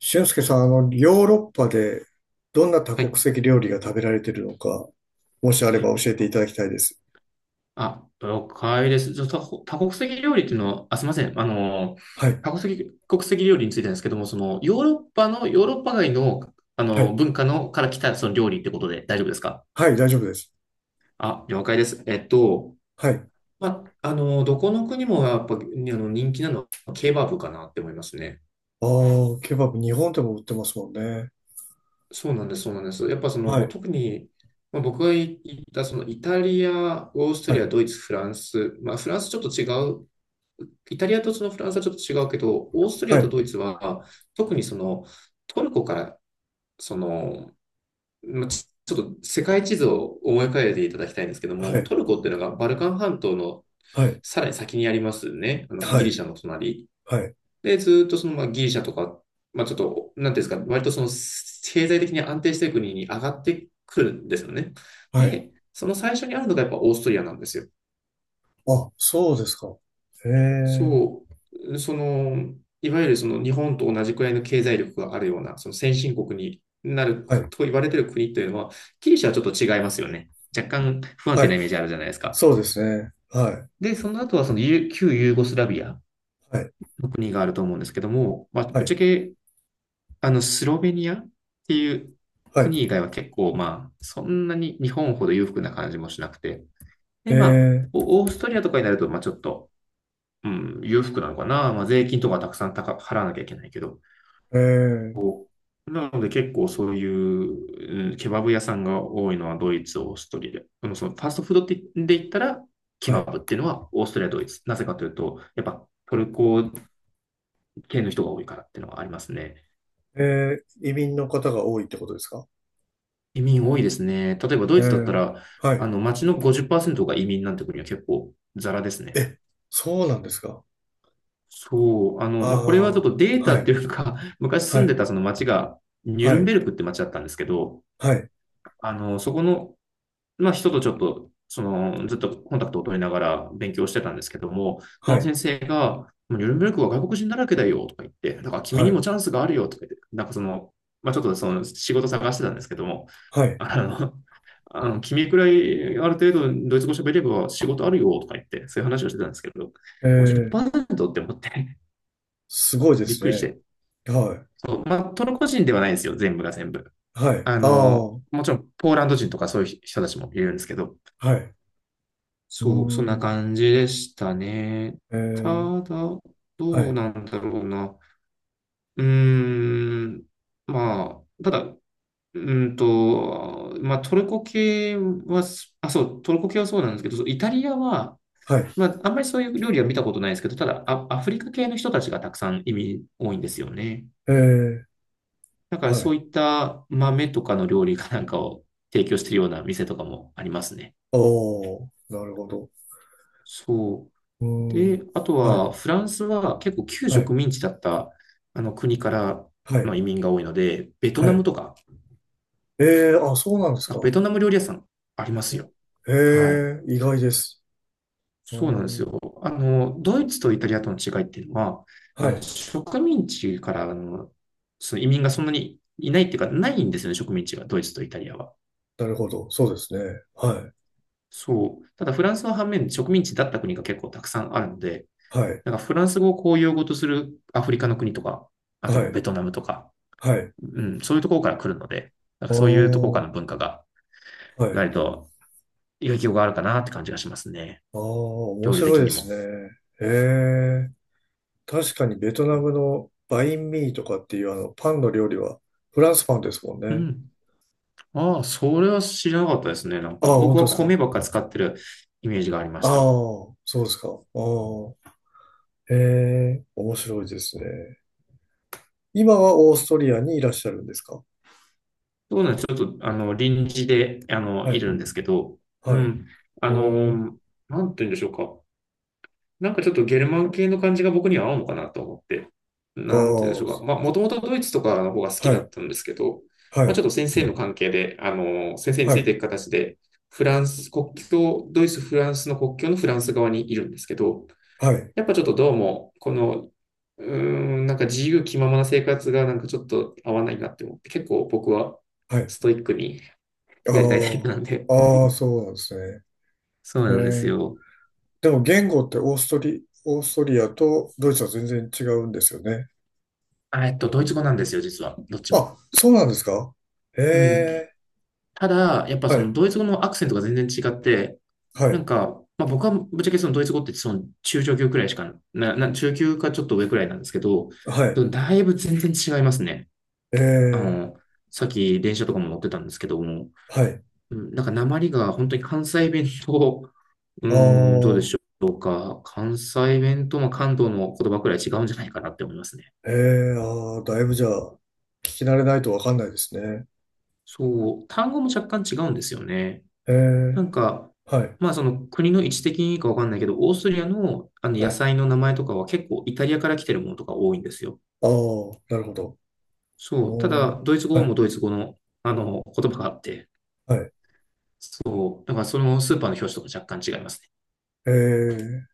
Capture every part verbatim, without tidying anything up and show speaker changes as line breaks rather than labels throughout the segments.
俊介さん、あの、ヨーロッパでどんな多
は
国
い。
籍料理が食べられてるのか、もしあれ
はい。
ば教えていただきたいです。
あ、了解です。じゃあ、多国多国籍料理っていうのは、あ、すみません。あの、
はい、
多国籍、国籍料理についてなんですけども、その、ヨーロッパの、ヨーロッパ外の、あ
は
の、
い、
文化の、から来た、その料理ってことで大丈夫ですか？
はい、大丈夫です。
あ、了解です。えっと、
はい。あ
まあ、あの、どこの国もやっぱ、あの、人気なのは、ケバブかなって思いますね。
あ、ケバブ、日本でも売ってますもんね。
そうなんです、そうなんです。やっぱそ
は
の、
い、
特に、まあ、僕が行った、その、イタリア、オースト
は
リア、
い、
ドイツ、フランス、まあ、フランスちょっと違う。イタリアとそのフランスはちょっと違うけど、オーストリア
は
と
い、
ドイツは、特にそのトルコから、その、まあちちょっと世界地図を思い浮かべていただきたいんですけど
は
も、
い、
トルコっていうのがバルカン半島の
はい、
さらに先にありますね。あの
は
ギリ
い、
シャの隣。
はい、
で、ずっとその、まあ、ギリシャとか、まあ、ちょっと、なんていうんですか、割とその経済的に安定している国に上がってくるんですよね。
はい。
で、その最初にあるのがやっぱオーストリアなんですよ。
あ、そうですか。へえ、
そう、その、いわゆるその日本と同じくらいの経済力があるような、その先進国になる
は
く
い、
と言われてる国というのは、ギリシャはちょっと違いますよね。若干不安
は
定
い、
なイメージあるじゃないですか。
そうですね。はい、
で、その後はそのユ旧ユーゴスラビア
はい、
の国があると思うんですけども、まあ、
は
ぶっちゃ
い、
け、あの、スロベニアっていう
はい。
国以外は結構、まあ、そんなに日本ほど裕福な感じもしなくて。で、まあ、
ええ、
オオーストリアとかになると、まあ、ちょっと、うん、裕福なのかな。まあ、税金とかたくさん高払わなきゃいけないけど。
ええ、
こうなので結構そういう、うん、ケバブ屋さんが多いのはドイツ、オーストリア。でもそのファーストフードってで言ったら、ケ
は
バ
い。
ブっていうのはオーストリア、ドイツ。なぜかというと、やっぱトルコ系の人が多いからっていうのはありますね。
ええ、移民の方が多いってことですか？
移民多いですね。例えばド
え
イツだった
え、
ら、
は
あ
い。
の、街のごじゅっパーセントが移民なんて国は結構ザラですね。
え、そうなんですか。
そう、あ
あ
の、まあ、これはちょ
あ、
っとデータ
は
って
い、
いうか、昔
は
住んで
い、
たその町が、ニュ
は
ルン
い、
ベルクって町だったんですけど、
はい、
あの、そこの、まあ、人とちょっと、その、ずっとコンタクトを取りながら勉強してたんですけども、そ
は
の
い、
先生が、もうニュルンベルクは外国人だらけだよとか言って、だから君
は
にも
い、
チャンスがあるよとか言って、なんかその、まあ、ちょっとその仕事探してたんですけども、
はい。
あの、あの君くらいある程度ドイツ語喋れば仕事あるよとか言って、そういう話をしてたんですけど、
えー、
ごじゅっパーセントっパーセントって思って
すごいで
びっ
す
くりし
ね。
て。
はい、
そうまあ、トルコ人ではないんですよ、全部が全部。
はい、
あ
あ
の、
あ、
もちろん、ポーランド人とかそういう人たちもいるんですけど、
はい、うー
そう、そんな
ん、
感じでしたね。
え
た
ー、
だ、ど
は
う
い、
なんだろうな。うーん、まあ、ただ、うーんと、まあ、トルコ系は、あ、そう、トルコ系はそうなんですけど、そうイタリアは、
はい、
まあ、あんまりそういう料理は見たことないですけど、ただ、あアフリカ系の人たちがたくさん移民多いんですよね。
えー、
だから
は
そ
い、
ういった豆とかの料理かなんかを提供しているような店とかもありますね。
おー、なるほど。
そう。
うーん、
で、あと
は
は
い、
フランスは結構旧
は
植
い、
民地だったあの国から、
は
ま
い、
あ、移民が多いので、ベト
は
ナム
い。
とか、
えー、あ、そうなんです
あベ
か。
トナム料理屋さんあります
え、
よ。はい。
えー、意外です。
そうなんで
お
す
ー、
よ。あの、ドイツとイタリアとの違いっていうのは、あ
は
の
い、
植民地からあのその移民がそんなにいないっていうか、ないんですよね、植民地が、ドイツとイタリアは。
なるほど。そうですね。はい、
そう。ただフランスの反面、植民地だった国が結構たくさんあるので、
はい、
なんかフランス語を公用語とするアフリカの国とか、あとま
は
あベ
い、
トナムとか、
はい。
うん、そういうところから来るので、なんか
ああ、
そういうところか
は
らの文化が、
い。
ないと影響があるかなって感じがしますね。
ああ、面
料理
白
的
いで
に
すね。
も。
へえ。確かにベトナムのバインミーとかっていうあのパンの料理はフランスパンですもん
う
ね。
ん。ああ、それは知らなかったですね。なんか
ああ、本
僕
当
は
ですか。
米ばっか使ってるイメージがありま
あ
し
あ、
た。
そうですか。ああ、へえ、面白いですね。今はオーストリアにいらっしゃるんですか？
そうなんです。ちょっと、あの、臨時で、あの、
は
い
い、
るんですけど、う
はい。
ん。あ
おー、
の、なんて言うんでしょうか。なんかちょっとゲルマン系の感じが僕には合うのかなと思って、
あ
なんて言うんでしょう
あ、
か。まあ、もともとドイツとかの方が好き
は
だ
い、
ったんですけど、
は
まあ、ち
い、
ょっと先生の関係で、あの、先生に
は
ついて
い、
いく形で、フランス国境、ドイツ、フランスの国境のフランス側にいるんですけど、
はい、
やっぱちょっとどうも、この、うーん、なんか自由気ままな生活がなんかちょっと合わないなって思って、結構僕は
はい。
ストイックに
あ
やりたいタイプなんで。
あ、ああ、そうなんですね。
そう
へ
なんです
え。
よ。
でも言語ってオーストリ、オーストリアとドイツは全然違うんですよね。
あ、えっと、ドイツ語なんですよ、実は。どっちも。
あ、そうなんですか？へ
うん。
え、
ただ、やっぱそ
は
の
い、
ドイツ語のアクセントが全然違って、
は
なん
い、
か、まあ、僕はぶっちゃけそのドイツ語ってその中上級くらいしかな、な、中級かちょっと上くらいなんですけど、
は
で
い、
もだいぶ全然違いますね。
え
あ
え、
の、さっき電車とかも乗ってたんですけども、
はい。
うん、なんか訛りが本当に関西弁と、う
あ
ん、どうで
あ、
しょうか。関西弁とまあ関東の言葉くらい違うんじゃないかなって思いますね。
ええ、ああ、だいぶじゃあ、聞き慣れないとわかんないですね。
そう、単語も若干違うんですよね。
え
なん
え、
か、
はい、
まあその国の位置的にいいかわかんないけど、オーストリアのあの
は
野
い。あ
菜の名前とかは結構イタリアから来てるものとか多いんですよ。
あ、なるほど。
そう。た
おー、
だ、ドイツ
は
語も
い、
ドイツ語の、あの言葉があって、
はい。
そう。だからそのスーパーの表紙とか若干違いますね。
ええ、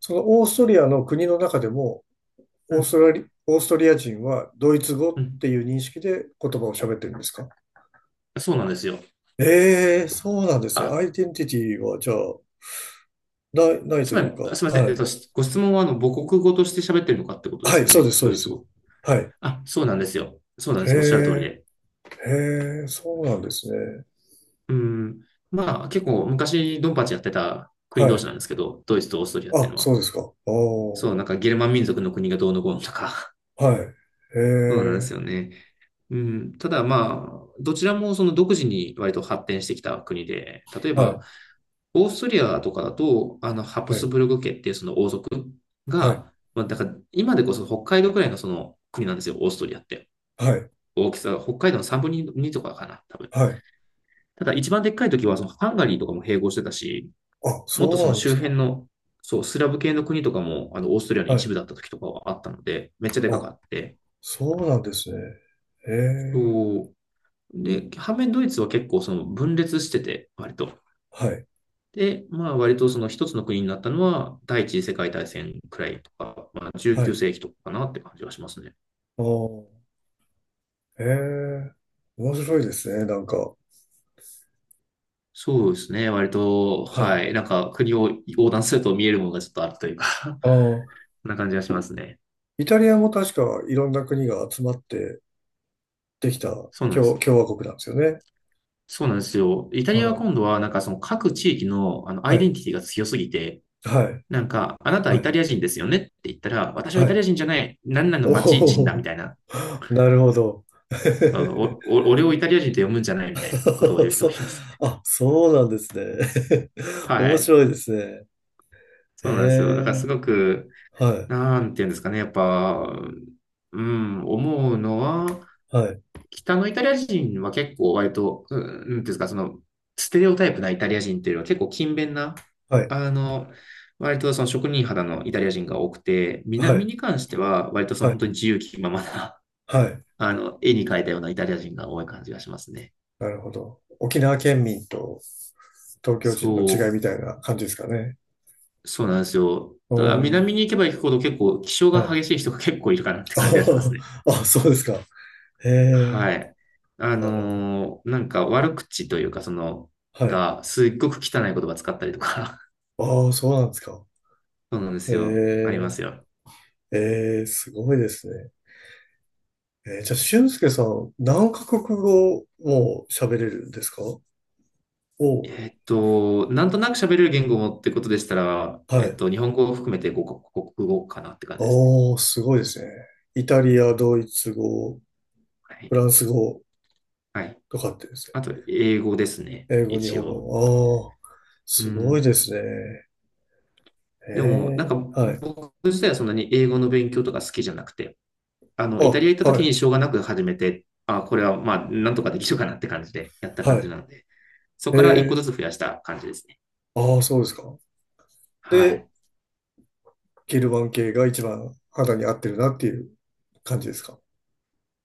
そのオーストリアの国の中でも、オ
う
ース
ん。
トラリ、オーストリア人はドイツ語っ
うん。
ていう認識で言葉を喋ってるんですか？
そうなんですよ。
ええ、そうなんですね。
あ、
アイデンティティは、じゃあ、ない、ないと
つま
い
り、
うか、
あすみません。
は
えっ
い。
と、ご質問はあの母国語として喋ってるのかってことで
は
す
い、
よ
そうで
ね。
す、そう
ド
で
イツ
す。
語。
はい。
あ、そうなんですよ。そうなんで
へ
す。おっしゃる通り
え、
で。
へえ、そうなんですね。
うん。まあ結構昔ドンパチやってた国
は
同士
い。
なんですけど、ドイツとオーストリアってい
あ、
うの
そ
は。
うですか。あ
そう、
あ、
なんかゲルマン民族の国がどうのこうのとか、
はい。へ
そうなんです
え、
よね。うん、ただまあ、どちらもその独自に割と発展してきた国で、例え
は
ば、
い、
オーストリアとかだと、あの、ハプ
は
ス
い、
ブルク家っていうその王族
はい、
が、まあ、だから今でこそ北海道くらいのその国なんですよ、オーストリアって。
はい、
大きさが北海道のさんぶんのにとかかな、多分。
はい。
ただ一番でっかい時はそのハンガリーとかも併合してたし、
あ、
もっと
そう
その
なんで
周
すか。
辺の、そう、スラブ系の国とかも、あの、オーストリアの
は
一
い。
部だった時とかはあったので、めっちゃでか
あ、
かって、
そうなんですね。へえ、
そう。で、反面ドイツは結構その分裂してて、割と。
はい、
で、まあ割とその一つの国になったのは第一次世界大戦くらいとか、まあ
はい。
じゅうきゅうせいき世紀とかかなって感じはしますね。
ああ、へえ、面白いですね、なんか。
そうですね。割と、
は
は
い。
い。なんか国を横断すると見えるものがちょっとあるというか そ
ああ。
んな感じがしますね。
イタリアも確かいろんな国が集まってできた
そうなんで
共、
す。
共和国なんですよね。
そうなんですよ。イタ
う
リアは
ん。
今度はなんかその各地域のあのア
は
イデン
い。
ティティが強すぎて、
はい。
なんか、あなたは
は
イタ
い。
リア人ですよねって言ったら、私は
は
イタリア
い。
人じゃない、何々の
お
町人だみ
お、
たいな
なるほど。
あ のおお俺をイタリア人と読むんじゃないみたいなことを言う人
そ
が
う、
いますね。
あ、そうなんですね。
は
面
い。
白いですね。え
そうなんですよ。だからす
え、
ごく、
はい、
なんていうんですかね。やっぱ、うん、思うのは、
はい、
北のイタリア人は結構割と、うん、なんていうんですか、その、ステレオタイプなイタリア人っていうのは結構勤勉な、
はい、
あの、割とその職人肌のイタリア人が多くて、
は
南
い、
に関しては割とその
は
本当に
い、
自由気ままな、
はい。
あの、絵に描いたようなイタリア人が多い感じがしますね。
なるほど。沖縄県民と東京人の違
そ
い
う。
みたいな感じですかね。
そうなんですよ。
う
ただ、
ん、
南に行けば行くほど結構、気性が
はい。
激 しい人が結構いるかなって
あ
感じがしますね。
ーあ、そうですか。え
は
え、
い。あ
なるほど。
のーなんか悪口というか、その、
はい。
が、すっごく汚い言葉使ったりとか、
ああ、そうなんですか。
そうなんで
え
すよ。ありますよ。
え、ええ、すごいですね。えー、じゃあ、俊介さん、何カ国語も喋れるんですか？お、
えっと、なんとなく喋れる言語ってことでしたら、
は
えっ
い。
と、日本語を含めてごかこくごカ国語かなって感じですね。
おー、すごいですね。イタリア、ドイツ語、
はい。
フランス語
はい。
とかってですね。
あと、英語ですね。
英語、日
一
本
応。
語。ああ、
う
すごいで
ん。
すね。え
でも、なんか、
え、はい。
僕自体はそんなに英語の勉強とか好きじゃなくて、あの、イタリ
あ、
ア行った
は
時
い、
にしょうがなく始めて、あ、これはまあ、なんとかできるかなって感じでやった
は
感じ
い。
なので、そ
え
こから一個
え、
ずつ増やした感じですね。
ああ、そうですか。
は
で、
い。
ゲルマン系が一番肌に合ってるなっていう感じですか？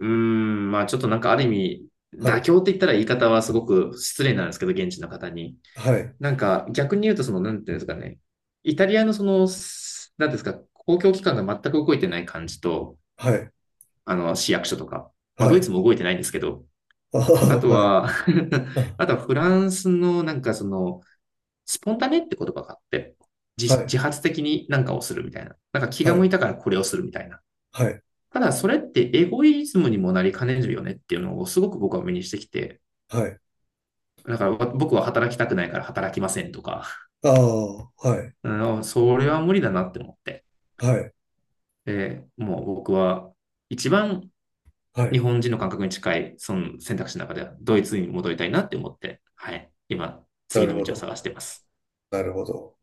うーん、まあちょっとなんかある意味、
は
妥
い、
協って言ったら言い方はすごく失礼なんですけど、現地の方に。
はい、
なんか逆に言うと、その、なんていうんですかね、イタリアのその、なんですか、公共機関が全く動いてない感じと、
はい、
あの、市役所とか、まあ
は
ドイツ
い。
も動いてないんですけど、
ああ、
あと
はい、
は
あ、
あとはフランスのなんかその、スポンタネって言葉があって、
は
自
い、
自発的に何かをするみたいな。なんか気
は
が向い
い、
たからこれをするみたいな。
はい、
ただそれってエゴイズムにもなりかねるよねっていうのをすごく僕は目にしてきて、
はい。
だから僕は働きたくないから働きませんとか、
ああ、はい、
それは無理だなって思って。
はい、
で、もう僕は一番
は
日
い。
本人の感覚に近いその選択肢の中ではドイツに戻りたいなって思って、はい、今
な
次
る
の
ほ
道を
ど、
探しています。
なるほど。